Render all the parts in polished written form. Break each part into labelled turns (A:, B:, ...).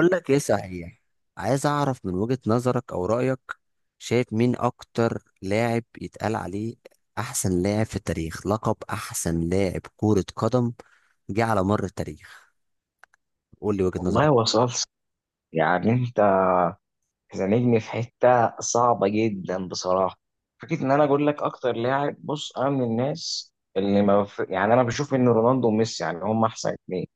A: أقول لك إيه، صحيح. عايز أعرف من وجهة نظرك أو رأيك، شايف مين أكتر لاعب يتقال عليه أحسن لاعب في التاريخ، لقب أحسن لاعب كرة قدم جه على مر التاريخ؟ قول لي وجهة نظرك.
B: والله وصلت. يعني انت زنقني في حته صعبه جدا بصراحه. فكره ان انا اقول لك اكتر لاعب. بص، انا من الناس اللي ما بف... يعني انا بشوف ان رونالدو وميسي يعني هم احسن اتنين.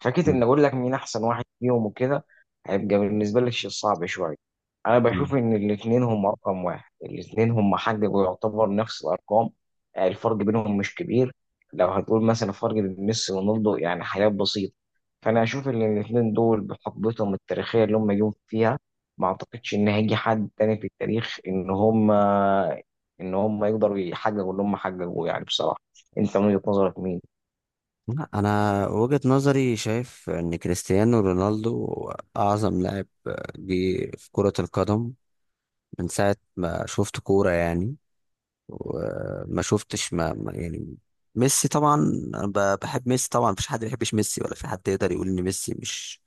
B: فكره ان
A: مم.
B: اقول لك مين احسن واحد فيهم وكده هيبقى بالنسبه لي شيء صعب شويه. انا
A: مم.
B: بشوف ان الاثنين هم رقم واحد، الاثنين هم حققوا يعتبر نفس الارقام. الفرق بينهم مش كبير. لو هتقول مثلا الفرق بين ميسي ورونالدو يعني حاجات بسيطه. فانا اشوف ان الاثنين دول بحقبتهم التاريخيه اللي هم جم فيها ما اعتقدش ان هيجي حد تاني في التاريخ ان هم يقدروا يحققوا اللي هم حققوه يعني بصراحه. انت من وجهه نظرك مين؟
A: لا، أنا وجهة نظري شايف إن كريستيانو رونالدو أعظم لاعب جه في كرة القدم من ساعة ما شفت كورة يعني. وما شفتش يعني، ميسي طبعا. انا بحب ميسي طبعا، مفيش حد ما بيحبش ميسي، ولا في حد يقدر يقول ان ميسي مش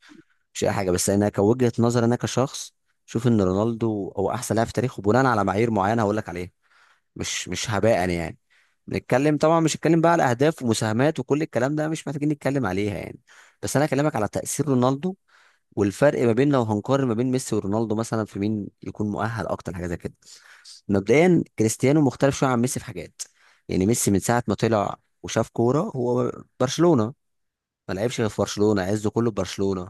A: مش اي حاجه. بس انا كوجهه نظر، انا كشخص، شوف ان رونالدو هو احسن لاعب في تاريخه بناء على معايير معينه هقول لك عليها، مش هباء يعني. نتكلم طبعا، مش هتكلم بقى على اهداف ومساهمات وكل الكلام ده، مش محتاجين نتكلم عليها يعني. بس انا اكلمك على تاثير رونالدو، والفرق ما بين، لو هنقارن ما بين ميسي ورونالدو مثلا، في مين يكون مؤهل اكتر حاجه زي كده. مبدئيا كريستيانو مختلف شويه عن ميسي في حاجات. يعني ميسي من ساعه ما طلع وشاف كوره، هو برشلونه، ما لعبش غير في برشلونه، عزه كله في برشلونه.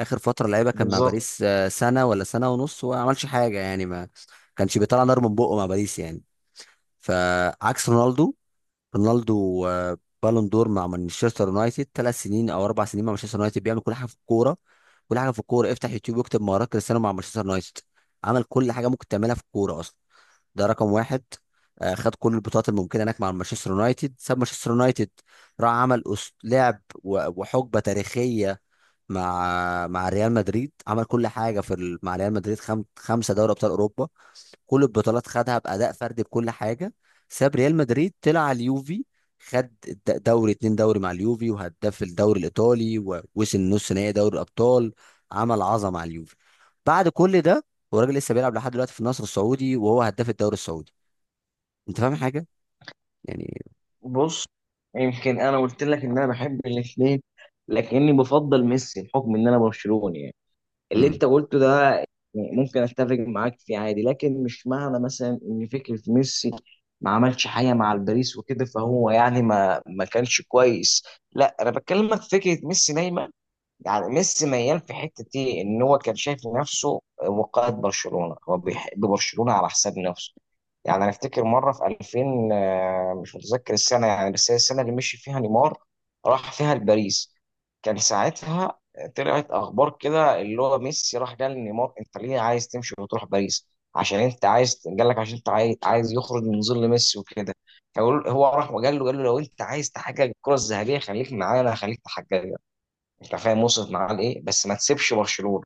A: اخر فتره لعيبه كان مع
B: بالظبط.
A: باريس، سنه ولا سنه ونص، وما عملش حاجه يعني، ما كانش بيطلع نار من بقه مع باريس يعني. فعكس رونالدو. رونالدو بالون دور مع مانشستر يونايتد، 3 سنين او 4 سنين مع مانشستر يونايتد بيعمل كل حاجه في الكوره. كل حاجه في الكوره، افتح يوتيوب واكتب مهارات كريستيانو مع مانشستر يونايتد، عمل كل حاجه ممكن تعملها في الكوره اصلا. ده رقم واحد. خد كل البطولات الممكنه هناك مع مانشستر يونايتد، ساب مانشستر يونايتد، راح عمل لعب وحقبه تاريخيه مع ريال مدريد، عمل كل حاجه في مع ريال مدريد 5 دوري ابطال اوروبا، كل البطولات خدها باداء فردي بكل حاجه. ساب ريال مدريد، طلع على اليوفي، خد دوري، 2 دوري مع اليوفي، وهداف الدوري الايطالي، ووصل نص نهائي دوري الابطال. عمل عظمه مع اليوفي. بعد كل ده والراجل لسه بيلعب لحد دلوقتي في النصر السعودي، وهو هداف الدوري السعودي. انت فاهم حاجه يعني؟
B: بص، يمكن انا قلت لك ان انا بحب الاثنين، لكني بفضل ميسي بحكم ان انا برشلوني يعني. اللي
A: امم.
B: انت قلته ده يعني ممكن اتفق معاك فيه عادي، لكن مش معنى مثلا ان فكره ميسي ما عملش حاجه مع الباريس وكده فهو يعني ما كانش كويس. لا، انا بكلمك في فكره ميسي دايما. يعني ميسي ميال في حته ايه، ان هو كان شايف نفسه وقائد برشلونه، هو بيحب برشلونه على حساب نفسه. يعني انا افتكر مره في 2000، مش متذكر السنه يعني، بس هي السنه اللي مشي فيها نيمار، راح فيها لباريس. كان ساعتها طلعت اخبار كده اللي هو ميسي راح قال لنيمار: انت ليه عايز تمشي وتروح باريس؟ عشان انت عايز، قال لك عشان انت عايز يخرج من ظل ميسي وكده. هو راح وقال له قال له لو انت عايز تحقق الكره الذهبيه خليك معانا، خليك تحققها. انت فاهم وصلت معاه لايه؟ بس ما تسيبش برشلونه.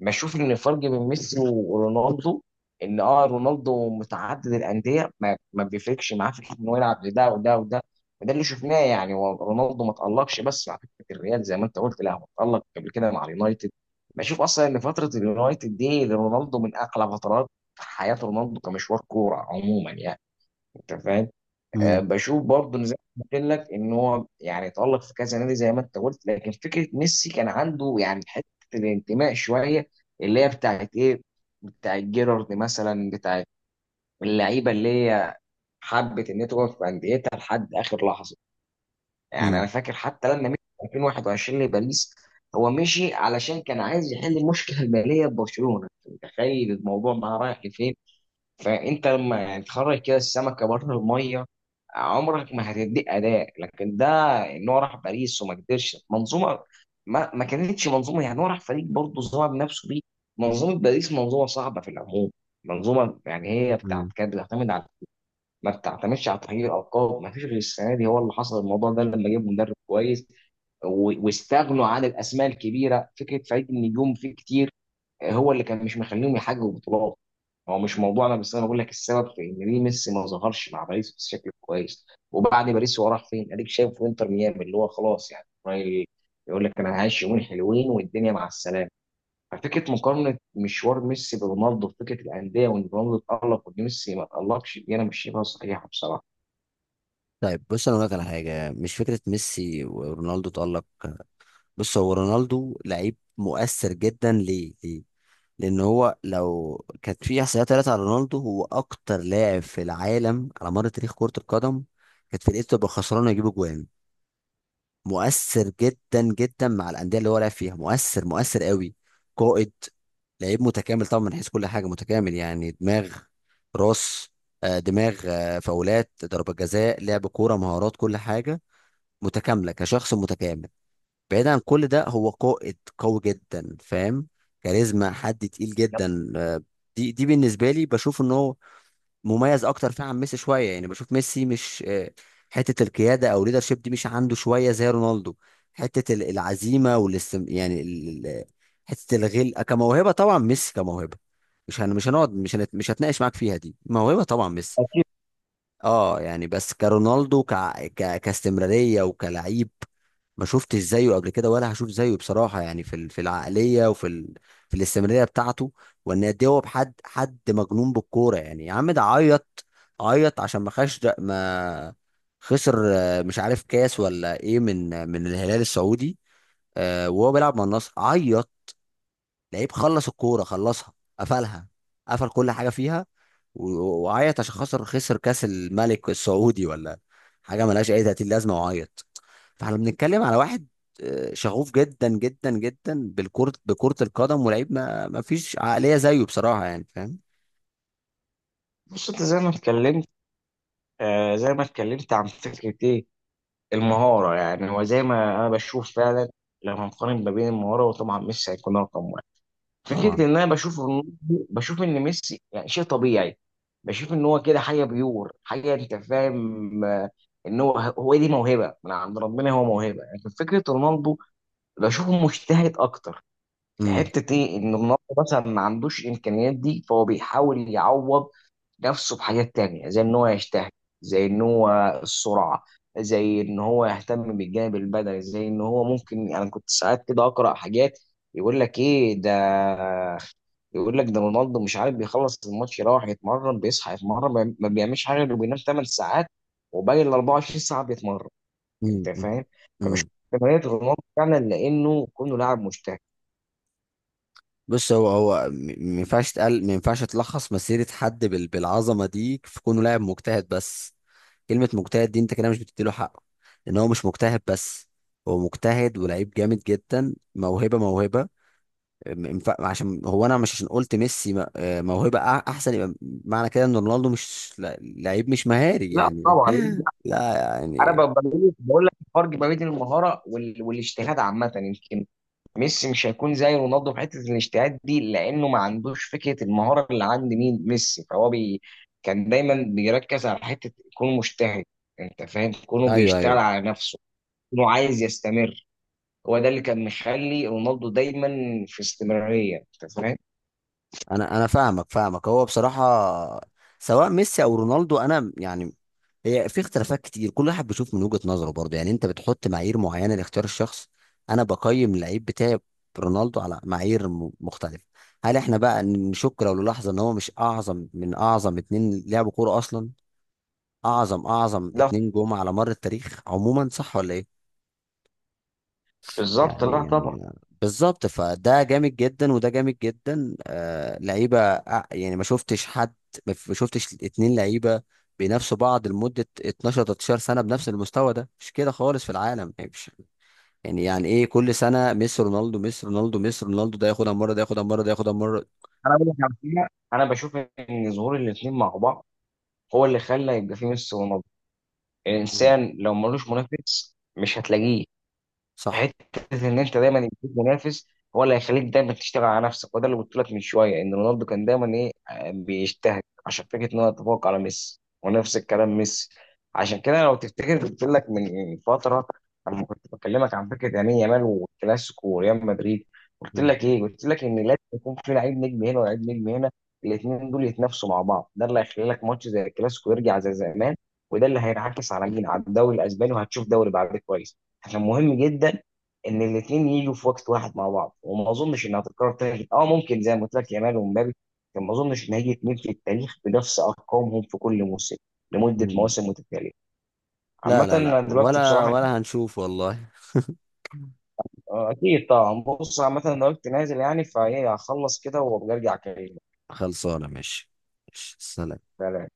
B: بشوف ان الفرق بين ميسي ورونالدو ان رونالدو متعدد الانديه، ما بيفرقش معاه في حته انه يلعب لده وده وده. وده اللي شفناه. يعني هو رونالدو ما تالقش بس مع فكره الريال زي ما انت قلت، لا، هو تالق قبل كده مع اليونايتد. بشوف اصلا ان فتره اليونايتد دي لرونالدو من اقلى فترات في حياه رونالدو كمشوار كوره عموما يعني. انت فاهم؟
A: امم.
B: بشوف برضه إن زي ما قلت لك ان هو يعني اتألق في كذا نادي زي ما انت قلت، لكن فكره ميسي كان عنده يعني حته الانتماء شويه. اللي هي بتاعت ايه، بتاعت جيرارد مثلا، بتاعت اللعيبه اللي هي حبت ان هي تقعد في انديتها لحد اخر لحظه. يعني انا
A: امم.
B: فاكر حتى لما مشي في 2021 لباريس. هو مشي علشان كان عايز يحل المشكله الماليه ببرشلونه. أنت متخيل الموضوع بقى رايح لفين؟ فانت لما يعني تخرج كده السمكه بره الميه عمرك ما هتديك اداء. لكن ده ان هو راح باريس وما قدرش منظومه، ما كانتش منظومه. يعني هو راح فريق برضه ظهر بنفسه بيه. منظومه باريس منظومه صعبه في العموم. منظومه يعني هي بتاعت
A: امم.
B: كانت بتعتمد على، ما بتعتمدش على تغيير الالقاب. ما فيش غير السنه دي هو اللي حصل الموضوع ده، لما جاب مدرب كويس واستغنوا عن الاسماء الكبيره. فكره فريق النجوم فيه كتير هو اللي كان مش مخليهم يحققوا بطولات. هو مش موضوعنا، بس انا بقول لك السبب في ان ليه ميسي ما ظهرش مع باريس بشكل كويس. وبعد باريس هو راح فين؟ اديك شايف في انتر ميامي، اللي هو خلاص يعني رايل يقول لك انا هعيش يومين حلوين والدنيا مع السلامه. ففكره مقارنه مشوار ميسي برونالدو في فكره الانديه وان رونالدو اتالق وان ميسي ما اتالقش دي انا مش شايفها صحيحه بصراحه.
A: طيب بص، انا اقول لك على حاجه، مش فكره ميسي ورونالدو تألق. بص، هو رونالدو لعيب مؤثر جدا. ليه ليه؟ لان هو لو كانت في احصائيات طلعت على رونالدو، هو اكتر لاعب في العالم على مر تاريخ كره القدم كانت فرقته تبقى خسرانه يجيب جوان. مؤثر جدا جدا مع الانديه اللي هو لعب فيها، مؤثر مؤثر قوي، قائد، لعيب متكامل طبعا، من حيث كل حاجه متكامل، يعني دماغ، راس، دماغ، فاولات، ضربه جزاء، لعب كوره، مهارات، كل حاجه متكامله، كشخص متكامل. بعيدا عن كل ده هو قائد قوي جدا، فاهم، كاريزما، حد تقيل
B: لما
A: جدا. دي بالنسبه لي، بشوف ان هو مميز اكتر فيه عن ميسي شويه، يعني بشوف ميسي مش، حته القياده او ليدرشيب دي مش عنده شويه زي رونالدو، حته العزيمه يعني حته الغل كموهبه. طبعا ميسي كموهبه، مش هنقعد، مش هتناقش معاك فيها، دي موهبه طبعا ميسي.
B: جيت-
A: اه يعني، بس كرونالدو كاستمراريه وكلعيب، ما شفتش زيه قبل كده ولا هشوف زيه بصراحة يعني، في في العقلية، وفي في الاستمرارية بتاعته، وان قد إيه هو حد مجنون بالكورة. يعني يا عم، ده عيط عيط عشان ما خش ما خسر، مش عارف كاس ولا ايه من الهلال السعودي، وهو بيلعب مع النصر، عيط. لعيب خلص الكوره، خلصها، قفلها، قفل كل حاجه فيها، و- وعيط عشان خسر خسر كاس الملك السعودي ولا حاجه ملهاش اي 30 لازمه، وعيط. فاحنا بنتكلم على واحد شغوف جدا جدا جدا بالكرة، بكرة القدم، ولعيب ما فيش عقلية زيه بصراحة يعني، فاهم؟
B: بص، انت زي ما اتكلمت، زي ما اتكلمت عن فكره ايه المهارة. يعني هو زي ما أنا بشوف فعلا لما نقارن ما بين المهارة وطبعا ميسي هيكون رقم واحد. فكرة
A: طبعا.
B: إن أنا بشوف بشوف إن ميسي يعني شيء طبيعي. بشوف إن هو كده حاجة بيور، حاجة أنت فاهم، إن هو دي موهبة من عند ربنا، هو موهبة. لكن فكرة رونالدو بشوفه مجتهد أكتر في
A: امم.
B: حتة إيه، إن رونالدو مثلا ما عندوش الإمكانيات دي فهو بيحاول يعوض نفسه بحاجات تانية، زي ان هو يجتهد، زي ان هو السرعة، زي ان هو يهتم بالجانب البدني. زي ان هو ممكن انا يعني كنت ساعات كده اقرا حاجات يقول لك ايه ده، يقول لك ده رونالدو مش عارف بيخلص الماتش يروح يتمرن بيصحى يتمرن ما بيعملش حاجه غير بينام 8 ساعات وباقي ال 24 ساعه بيتمرن.
A: امم.
B: انت
A: امم.
B: فاهم؟ فبشوف
A: امم.
B: تمرينات رونالدو فعلا لانه كونه لاعب مجتهد.
A: بص هو ما ينفعش تلخص مسيرة حد بالعظمة دي في كونه لاعب مجتهد بس. كلمة مجتهد دي انت كده مش بتديله حقه، لان هو مش مجتهد بس، هو مجتهد ولعيب جامد جدا، موهبة موهبة. عشان هو، انا مش عشان قلت ميسي موهبة احسن يبقى معنى كده ان رونالدو مش لعيب مش مهاري
B: لا
A: يعني.
B: طبعا.
A: لا
B: انا
A: يعني.
B: بقول لك الفرق ما بين المهاره والاجتهاد عامه، يمكن ميسي مش هيكون زي رونالدو في حته الاجتهاد دي لانه ما عندوش فكره المهاره اللي عند مين ميسي، فهو بي كان دايما بيركز على حته يكون مجتهد. انت فاهم كونه
A: ايوه،
B: بيشتغل
A: ايوه.
B: على نفسه، كونه عايز يستمر. هو ده اللي كان مخلي رونالدو دايما في استمراريه. انت فاهم؟
A: انا فاهمك فاهمك، هو بصراحة سواء ميسي او رونالدو انا يعني، هي في اختلافات كتير، كل واحد بيشوف من وجهة نظره برضه يعني، انت بتحط معايير معينة لاختيار الشخص، انا بقيم اللعيب بتاعي رونالدو على معايير مختلفة. هل احنا بقى نشك لو للحظة ان هو مش اعظم، من اعظم اتنين لعبوا كورة اصلا؟ اعظم اعظم
B: لا،
A: اتنين جم على مر التاريخ عموما، صح ولا ايه؟
B: بالظبط،
A: يعني
B: لا طبعا.
A: يعني بالظبط، فده جامد جدا وده جامد جدا لعيبه، يعني ما شفتش حد، ما شفتش اتنين لعيبه بينافسوا بعض لمده 12 13 سنه بنفس المستوى. ده مش كده خالص في العالم يعني، مش يعني ايه كل سنه ميسي رونالدو، ميسي رونالدو، ميسي رونالدو، ده ياخدها مره، ده ياخدها مره، ده ياخدها مره.
B: انا بقول لك على حاجة، انا بشوف ان ظهور الاثنين مع بعض هو اللي خلى يبقى فيه ميسي ورونالدو.
A: مم.
B: الانسان لو ملوش منافس مش هتلاقيه.
A: صح.
B: حته ان انت دايما يكون منافس هو اللي هيخليك دايما تشتغل على نفسك. وده اللي قلت لك من شويه ان رونالدو كان دايما ايه، بيجتهد عشان فكره ان هو يتفوق على ميسي، ونفس الكلام ميسي. عشان كده لو تفتكر قلت لك من فتره لما كنت بكلمك عن فكره يمين يامال والكلاسيكو وريال مدريد، قلت
A: مم.
B: لك ايه؟ قلت لك ان لازم يكون في لعيب نجم هنا ولعيب نجم هنا. الاثنين دول يتنافسوا مع بعض ده اللي هيخلي لك ماتش زي الكلاسيكو يرجع زي زمان. وده اللي هينعكس على مين؟ على الدوري الاسباني، وهتشوف دوري بعد كويس. عشان مهم جدا ان الاثنين يجوا في وقت واحد مع بعض. وما اظنش انها هتتكرر تاني، ممكن زي ما قلت لك يامال ومبابي، لكن ما اظنش ان هيجي اثنين في التاريخ بنفس ارقامهم في كل موسم لمده
A: مم.
B: مواسم متتاليه.
A: لا
B: عامة
A: لا لا،
B: أنا دلوقتي
A: ولا
B: بصراحة،
A: ولا هنشوف والله.
B: آه، أكيد طبعا. بص، عامة أنا دلوقتي نازل يعني، فإيه هخلص كده وبرجع أكلمك.
A: خلصانه، ماشي. ماشي. سلام.
B: سلام.